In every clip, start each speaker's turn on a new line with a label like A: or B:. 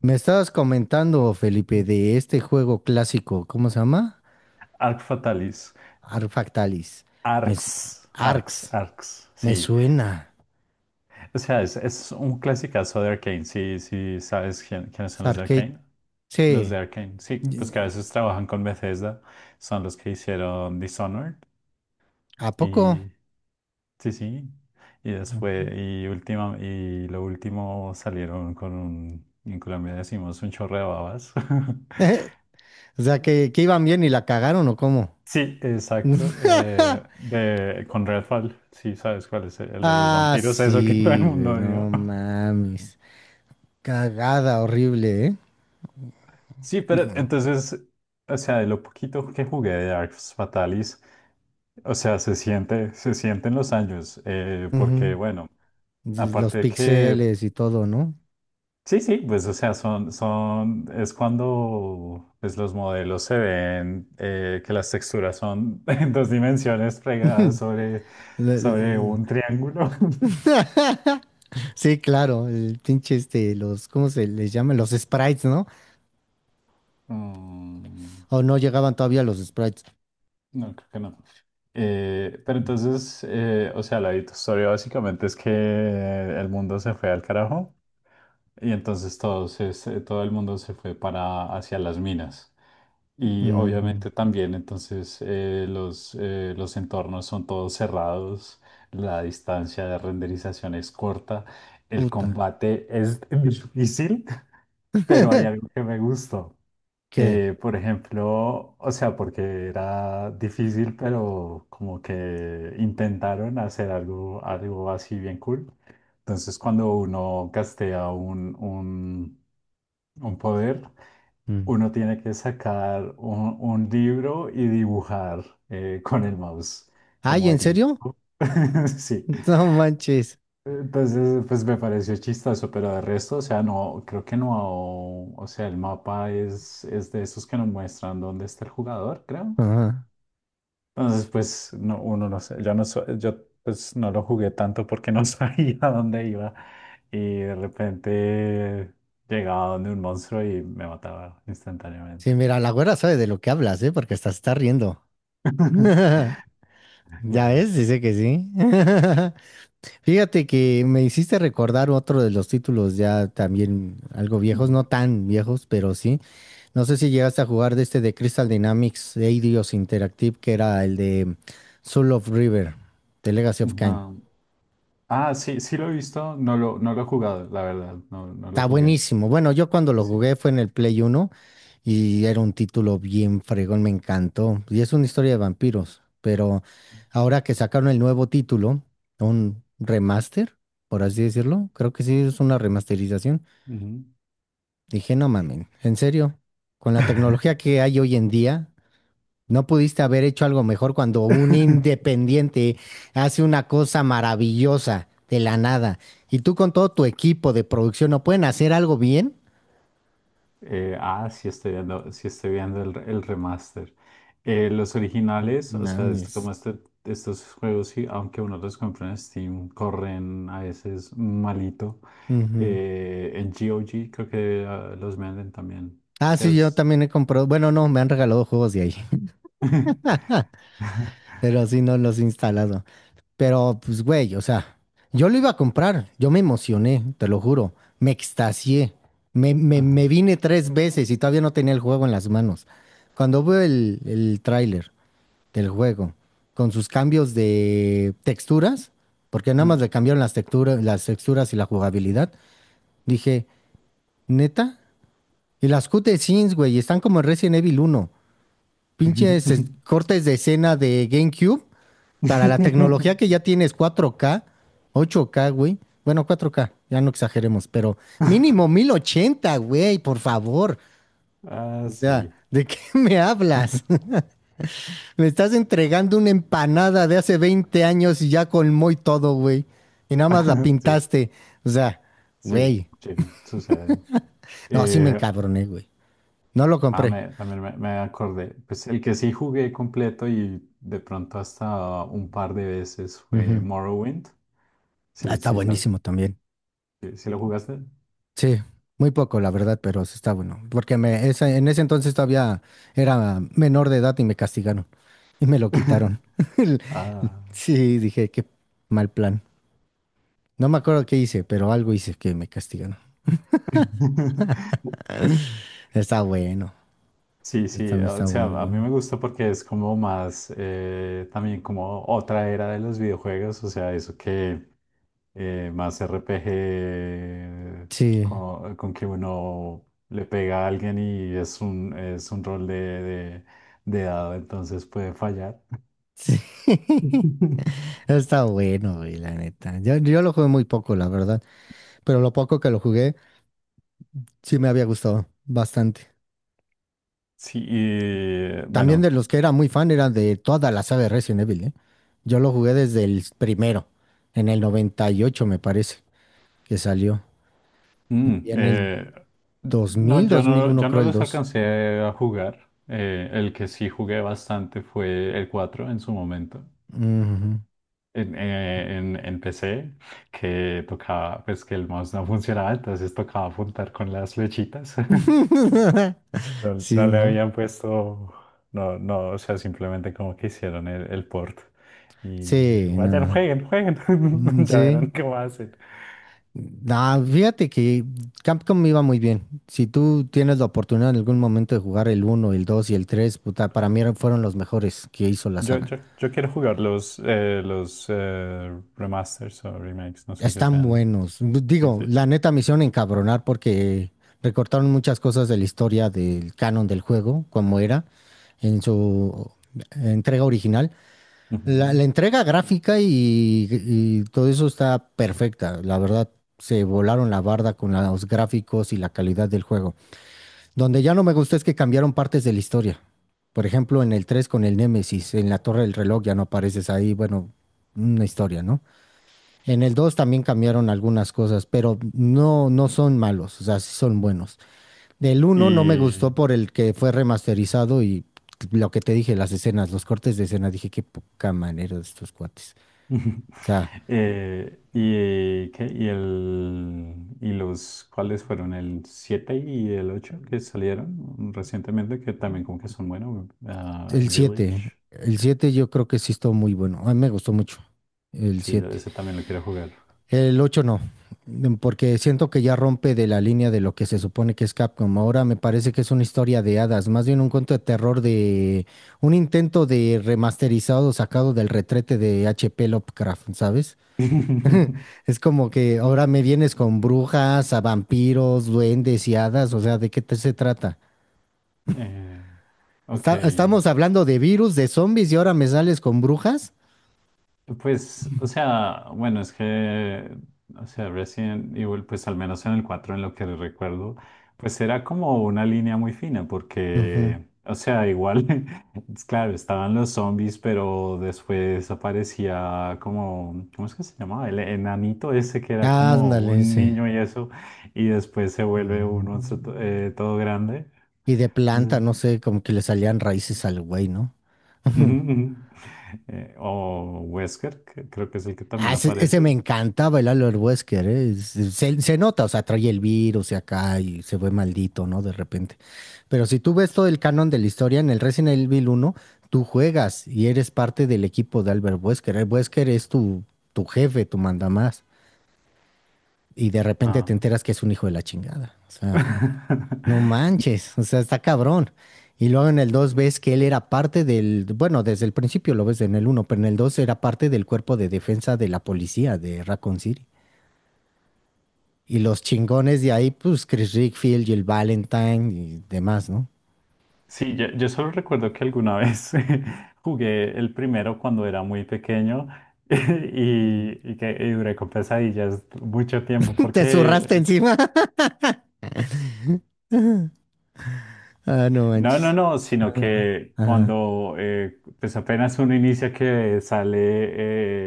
A: Me estabas comentando, Felipe, de este juego clásico, ¿cómo se llama?
B: Arc Fatalis.
A: Arfactalis. Me, s-
B: Arcs. Arcs,
A: Arx.
B: Arcs,
A: Me
B: sí.
A: suena.
B: O sea, es un clasicazo de Arcane. Sí, sí, ¿sabes quiénes
A: Es
B: son los de
A: Arcade.
B: Arcane? Los
A: Sí.
B: de Arcane, sí,
A: Y-
B: pues que a veces trabajan con Bethesda. Son los que hicieron Dishonored.
A: ¿A poco?
B: Y sí, sí. Y después, y última, y lo último salieron con un, en Colombia decimos un chorro de babas.
A: O sea, que iban bien y la cagaron o cómo.
B: Sí, exacto. Con Redfall, sí, sabes cuál es el, de los
A: Ah,
B: vampiros, eso que todo el
A: sí, güey,
B: mundo
A: no
B: dio.
A: mames. Cagada horrible, ¿eh?
B: Sí, pero
A: Yo-
B: entonces, o sea, de lo poquito que jugué de Arx Fatalis, o sea, se siente, se sienten los años, porque
A: Ujú.
B: bueno,
A: Los
B: aparte de que,
A: pixeles y todo, ¿no?
B: sí, sí, pues, o sea, son, son, es cuando, pues, los modelos se ven, que las texturas son en dos dimensiones pegadas sobre,
A: La-
B: sobre
A: la-
B: un triángulo.
A: Sí, claro, el pinche este, los, ¿cómo se les llama? Los sprites, ¿no?
B: Mm.
A: O no llegaban todavía los sprites.
B: No, creo que no. Pero entonces, o sea, la historia básicamente es que el mundo se fue al carajo y entonces todo, todo el mundo se fue para hacia las minas. Y
A: Mm,
B: obviamente también entonces los entornos son todos cerrados, la distancia de renderización es corta, el
A: puta.
B: combate es difícil, pero hay algo que me gustó.
A: ¿Qué?
B: Por ejemplo, o sea, porque era difícil, pero como que intentaron hacer algo, algo así bien cool. Entonces, cuando uno castea un poder,
A: Mm.
B: uno tiene que sacar un libro y dibujar con el mouse,
A: Ay,
B: como
A: ¿en
B: el...
A: serio?
B: Sí.
A: No manches.
B: Entonces, pues me pareció chistoso, pero de resto, o sea, no, creo que no, o sea, el mapa es de esos que nos muestran dónde está el jugador, creo.
A: Ajá.
B: Entonces, pues, no, uno no sé, yo no, yo pues no lo jugué tanto porque no sabía dónde iba y de repente llegaba donde un monstruo y me mataba
A: Sí,
B: instantáneamente.
A: mira, la güera sabe de lo que hablas, ¿eh? Porque hasta se está riendo. Ya
B: Claro.
A: ves, dice que sí. Fíjate que me hiciste recordar otro de los títulos ya también algo viejos, no tan viejos, pero sí. No sé si llegaste a jugar de este de Crystal Dynamics Eidos Interactive, que era el de Soul of River, de Legacy of
B: Ujú.
A: Kain.
B: Ajá. Ah, sí, sí lo he visto, no lo, no lo he jugado, la verdad, no, no lo
A: Está
B: jugué.
A: buenísimo. Bueno, yo cuando
B: Sí.
A: lo
B: Sí.
A: jugué fue en el Play uno y era un título bien fregón, me encantó. Y es una historia de vampiros, pero ahora que sacaron el nuevo título, un remaster, por así decirlo, creo que sí es una remasterización.
B: Ujú.
A: Dije, no mamen, en serio, con la tecnología que hay hoy en día, no pudiste haber hecho algo mejor cuando un independiente hace una cosa maravillosa de la nada y tú con todo tu equipo de producción no pueden hacer algo bien.
B: Sí estoy viendo el remaster. Los originales, o sea,
A: Mames.
B: estos juegos, sí, aunque uno los compra en Steam, corren a veces malito.
A: Ujú.
B: En GOG creo que los venden también.
A: Ah,
B: Si
A: sí, yo
B: has...
A: también he comprado. Bueno, no, me han regalado juegos de ahí, pero sí no los he instalado. Pero, pues, güey, o sea, yo lo iba a comprar. Yo me emocioné, te lo juro. Me extasié. Me
B: Ajá.
A: vine tres veces y todavía no tenía el juego en las manos. Cuando veo el tráiler del juego con sus cambios de texturas, porque nada más le cambiaron las texturas y la jugabilidad, dije, ¿neta? Y las cutscenes, güey, están como en Resident Evil Uno. Pinches cortes de escena de GameCube para la tecnología que ya tienes 4K, 8K, güey. Bueno, 4K, ya no exageremos, pero mínimo 1080, güey, por favor. O
B: Ah,
A: sea,
B: sí.
A: ¿de qué me hablas? Me estás entregando una empanada de hace 20 años y ya colmó y todo, güey. Y nada más la
B: Sí,
A: pintaste. O sea,
B: sí,
A: güey.
B: sí, sucede.
A: No, sí me
B: Eh,
A: encabroné, güey. No lo compré.
B: También me, me acordé. Pues el que sí jugué completo y de pronto hasta un par de veces fue
A: Ujú.
B: Morrowind.
A: Ah,
B: Sí,
A: está
B: sí, ¿sabes?
A: buenísimo también.
B: ¿Sí, sí lo jugaste?
A: Sí, muy poco, la verdad, pero sí está bueno. Porque me, en ese entonces todavía era menor de edad y me castigaron y me lo quitaron.
B: Ah.
A: Sí, dije, qué mal plan. No me acuerdo qué hice, pero algo hice que me castigaron. Está bueno,
B: Sí,
A: está,
B: sí,
A: está
B: o sea,
A: muy
B: a mí
A: bueno.
B: me gusta porque es como más, también como otra era de los videojuegos, o sea, eso que más RPG
A: Sí,
B: con que uno le pega a alguien y es un rol de dado, entonces puede fallar.
A: sí. Está bueno, güey, la neta. Yo lo jugué muy poco, la verdad, pero lo poco que lo jugué sí me había gustado bastante.
B: Sí, y
A: También de
B: bueno.
A: los que era muy fan era de toda la saga de Resident Evil, ¿eh? Yo lo jugué desde el primero, en el 98 me parece que salió.
B: Mm,
A: Y en el dos
B: eh,
A: dos
B: no,
A: mil
B: yo
A: dos mil
B: no,
A: uno
B: yo
A: creo
B: no
A: el
B: los
A: dos.
B: alcancé a jugar. El que sí jugué bastante fue el 4 en su momento.
A: Ujú.
B: En PC, que tocaba, pues que el mouse no funcionaba, entonces tocaba apuntar con las flechitas. No,
A: Sí,
B: no le
A: ¿no?
B: habían puesto, no, no, o sea, simplemente como que hicieron el port. Y
A: Sí,
B: vayan,
A: no.
B: jueguen, jueguen,
A: Mm,
B: ya verán
A: sí.
B: qué va a.
A: No, fíjate que Capcom me iba muy bien. Si tú tienes la oportunidad en algún momento de jugar el uno, el 2 y el 3, puta, para mí fueron los mejores que hizo la saga.
B: Yo quiero jugar los remasters o remakes, no sé qué
A: Están
B: sean.
A: buenos.
B: Sí,
A: Digo,
B: sí.
A: la neta me hicieron encabronar porque recortaron muchas cosas de la historia del canon del juego, como era en su entrega original. La,
B: Ujú.
A: la entrega gráfica y todo eso está perfecta. La verdad, se volaron la barda con los gráficos y la calidad del juego. Donde ya no me gustó es que cambiaron partes de la historia. Por ejemplo, en el 3 con el Némesis, en la Torre del Reloj ya no apareces ahí. Bueno, una historia, ¿no? En el 2 también cambiaron algunas cosas, pero no, no son malos, o sea, sí son buenos. Del uno no me
B: Y,
A: gustó por el que fue remasterizado y lo que te dije, las escenas, los cortes de escena, dije qué poca manera de estos cuates. O sea,
B: y, ¿qué? Y, el, y los, ¿cuáles fueron? El 7 y el 8 que salieron recientemente, que también como que son buenos. Ah,
A: el 7,
B: Village.
A: el 7 yo creo que sí estuvo muy bueno, a mí me gustó mucho el
B: Sí, yo
A: 7.
B: ese también lo quiero jugar.
A: El 8 no, porque siento que ya rompe de la línea de lo que se supone que es Capcom. Ahora me parece que es una historia de hadas, más bien un cuento de terror de un intento de remasterizado sacado del retrete de H.P. Lovecraft, ¿sabes? Es como que ahora me vienes con brujas, a vampiros, duendes y hadas, o sea, ¿de qué te se trata?
B: Eh, ok.
A: Estamos hablando de virus, de zombies y ahora me sales con brujas.
B: Pues, o sea, bueno, es que, o sea, Resident Evil, pues al menos en el 4 en lo que recuerdo, pues era como una línea muy fina,
A: Ujú.
B: porque, o sea, igual, es claro, estaban los zombies, pero después aparecía como, ¿cómo es que se llamaba? El enanito ese que era como
A: Ándale,
B: un
A: sí.
B: niño y eso, y después se vuelve un monstruo
A: Mm.
B: todo grande.
A: Y de
B: Entonces,
A: planta, no sé, como que le salían raíces al güey, ¿no?
B: ujú, ujú. O Wesker, que creo que es el que
A: Ah,
B: también
A: ese me
B: aparece.
A: encantaba el Albert Wesker, ¿eh? Se nota, o sea, trae el virus y acá y se ve maldito, ¿no? De repente. Pero si tú ves todo el canon de la historia en el Resident Evil uno tú juegas y eres parte del equipo de Albert Wesker. El Wesker es tu, tu jefe, tu mandamás. Y de repente te
B: Ah.
A: enteras que es un hijo de la chingada. O sea. No manches, o sea, está cabrón. Y luego en el 2 ves que él era parte del, bueno, desde el principio lo ves en el uno, pero en el 2 era parte del cuerpo de defensa de la policía de Raccoon City. Y los chingones de ahí, pues Chris Rickfield, Jill Valentine y demás, ¿no?
B: Sí, yo solo recuerdo que alguna vez jugué el primero cuando era muy pequeño
A: Mm.
B: y duré con pesadillas mucho tiempo
A: ¿Te
B: porque,
A: zurraste encima? Ah, no
B: no, no,
A: manches.
B: no, sino
A: Ajá.
B: que
A: Ajá.
B: cuando pues apenas uno inicia que sale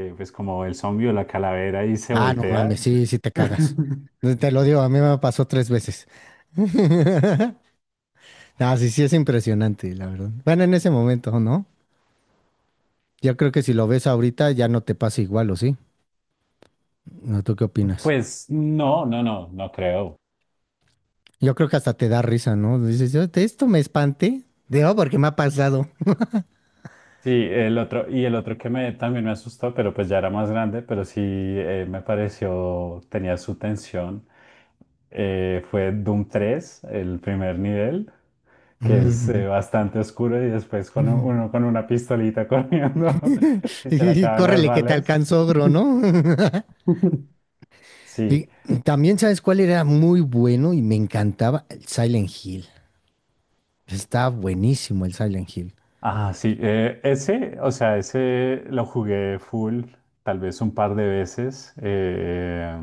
B: pues como el zombie o la calavera y se
A: Ah, no
B: voltea,
A: mames, sí, sí te cagas. No, te lo digo, a mí me pasó tres veces. Ah, sí, sí es impresionante, la verdad. Bueno, en ese momento, ¿no? Yo creo que si lo ves ahorita ya no te pasa igual, ¿o sí? ¿O ¿Tú qué opinas?
B: pues no, no, no, no creo.
A: Yo creo que hasta te da risa, ¿no? Dices, "Yo de esto me espanté. De, oh, porque me ha pasado.
B: Sí, el otro, y el otro que me, también me asustó, pero pues ya era más grande, pero sí me pareció, tenía su tensión, fue Doom 3, el primer nivel, que es
A: Ujú.
B: bastante oscuro y después con
A: Ujú".
B: uno con una pistolita corriendo y se le
A: Y
B: acaban las
A: córrele que te
B: balas.
A: alcanzó, ogro, ¿no?
B: Sí,
A: Y también, ¿sabes cuál era muy bueno y me encantaba? El Silent Hill. Estaba buenísimo el Silent Hill.
B: ah, sí, ese, o sea, ese lo jugué full, tal vez un par de veces.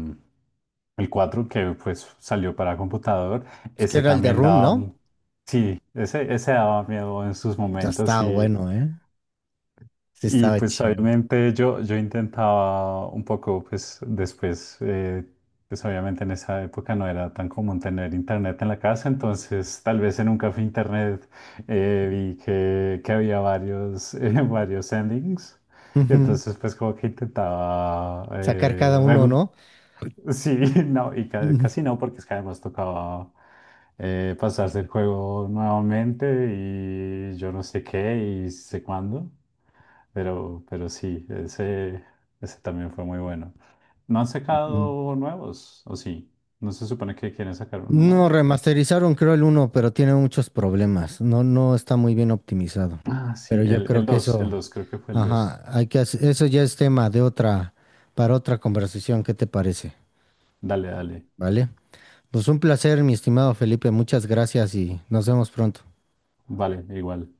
B: El 4 que pues salió para computador,
A: Es que
B: ese
A: era el de
B: también
A: Room,
B: daba,
A: ¿no?
B: sí, ese daba miedo en sus
A: Ya
B: momentos
A: estaba bueno, ¿eh? Sí,
B: y
A: estaba
B: pues
A: chingón.
B: obviamente yo intentaba un poco, pues después, pues obviamente en esa época no era tan común tener internet en la casa, entonces tal vez en un café internet vi que había varios, varios endings, y
A: Ujú.
B: entonces pues como que intentaba,
A: Sacar cada uno, ¿no?
B: sí, no, y casi no, porque es que además tocaba pasarse el juego nuevamente y yo no sé qué y sé cuándo. Pero sí, ese también fue muy bueno. ¿No han
A: Ujú.
B: sacado nuevos? ¿O sí? ¿No se supone que quieren sacar uno
A: No,
B: nuevo?
A: remasterizaron creo el 1, pero tiene muchos problemas. No, no está muy bien optimizado.
B: Ah, sí,
A: Pero yo creo
B: el
A: que
B: 2
A: eso,
B: creo que fue el
A: ajá,
B: dos.
A: hay que eso ya es tema de otra, para otra conversación, ¿qué te parece?
B: Dale, dale.
A: ¿Vale? Pues un placer, mi estimado Felipe, muchas gracias y nos vemos pronto.
B: Vale, igual.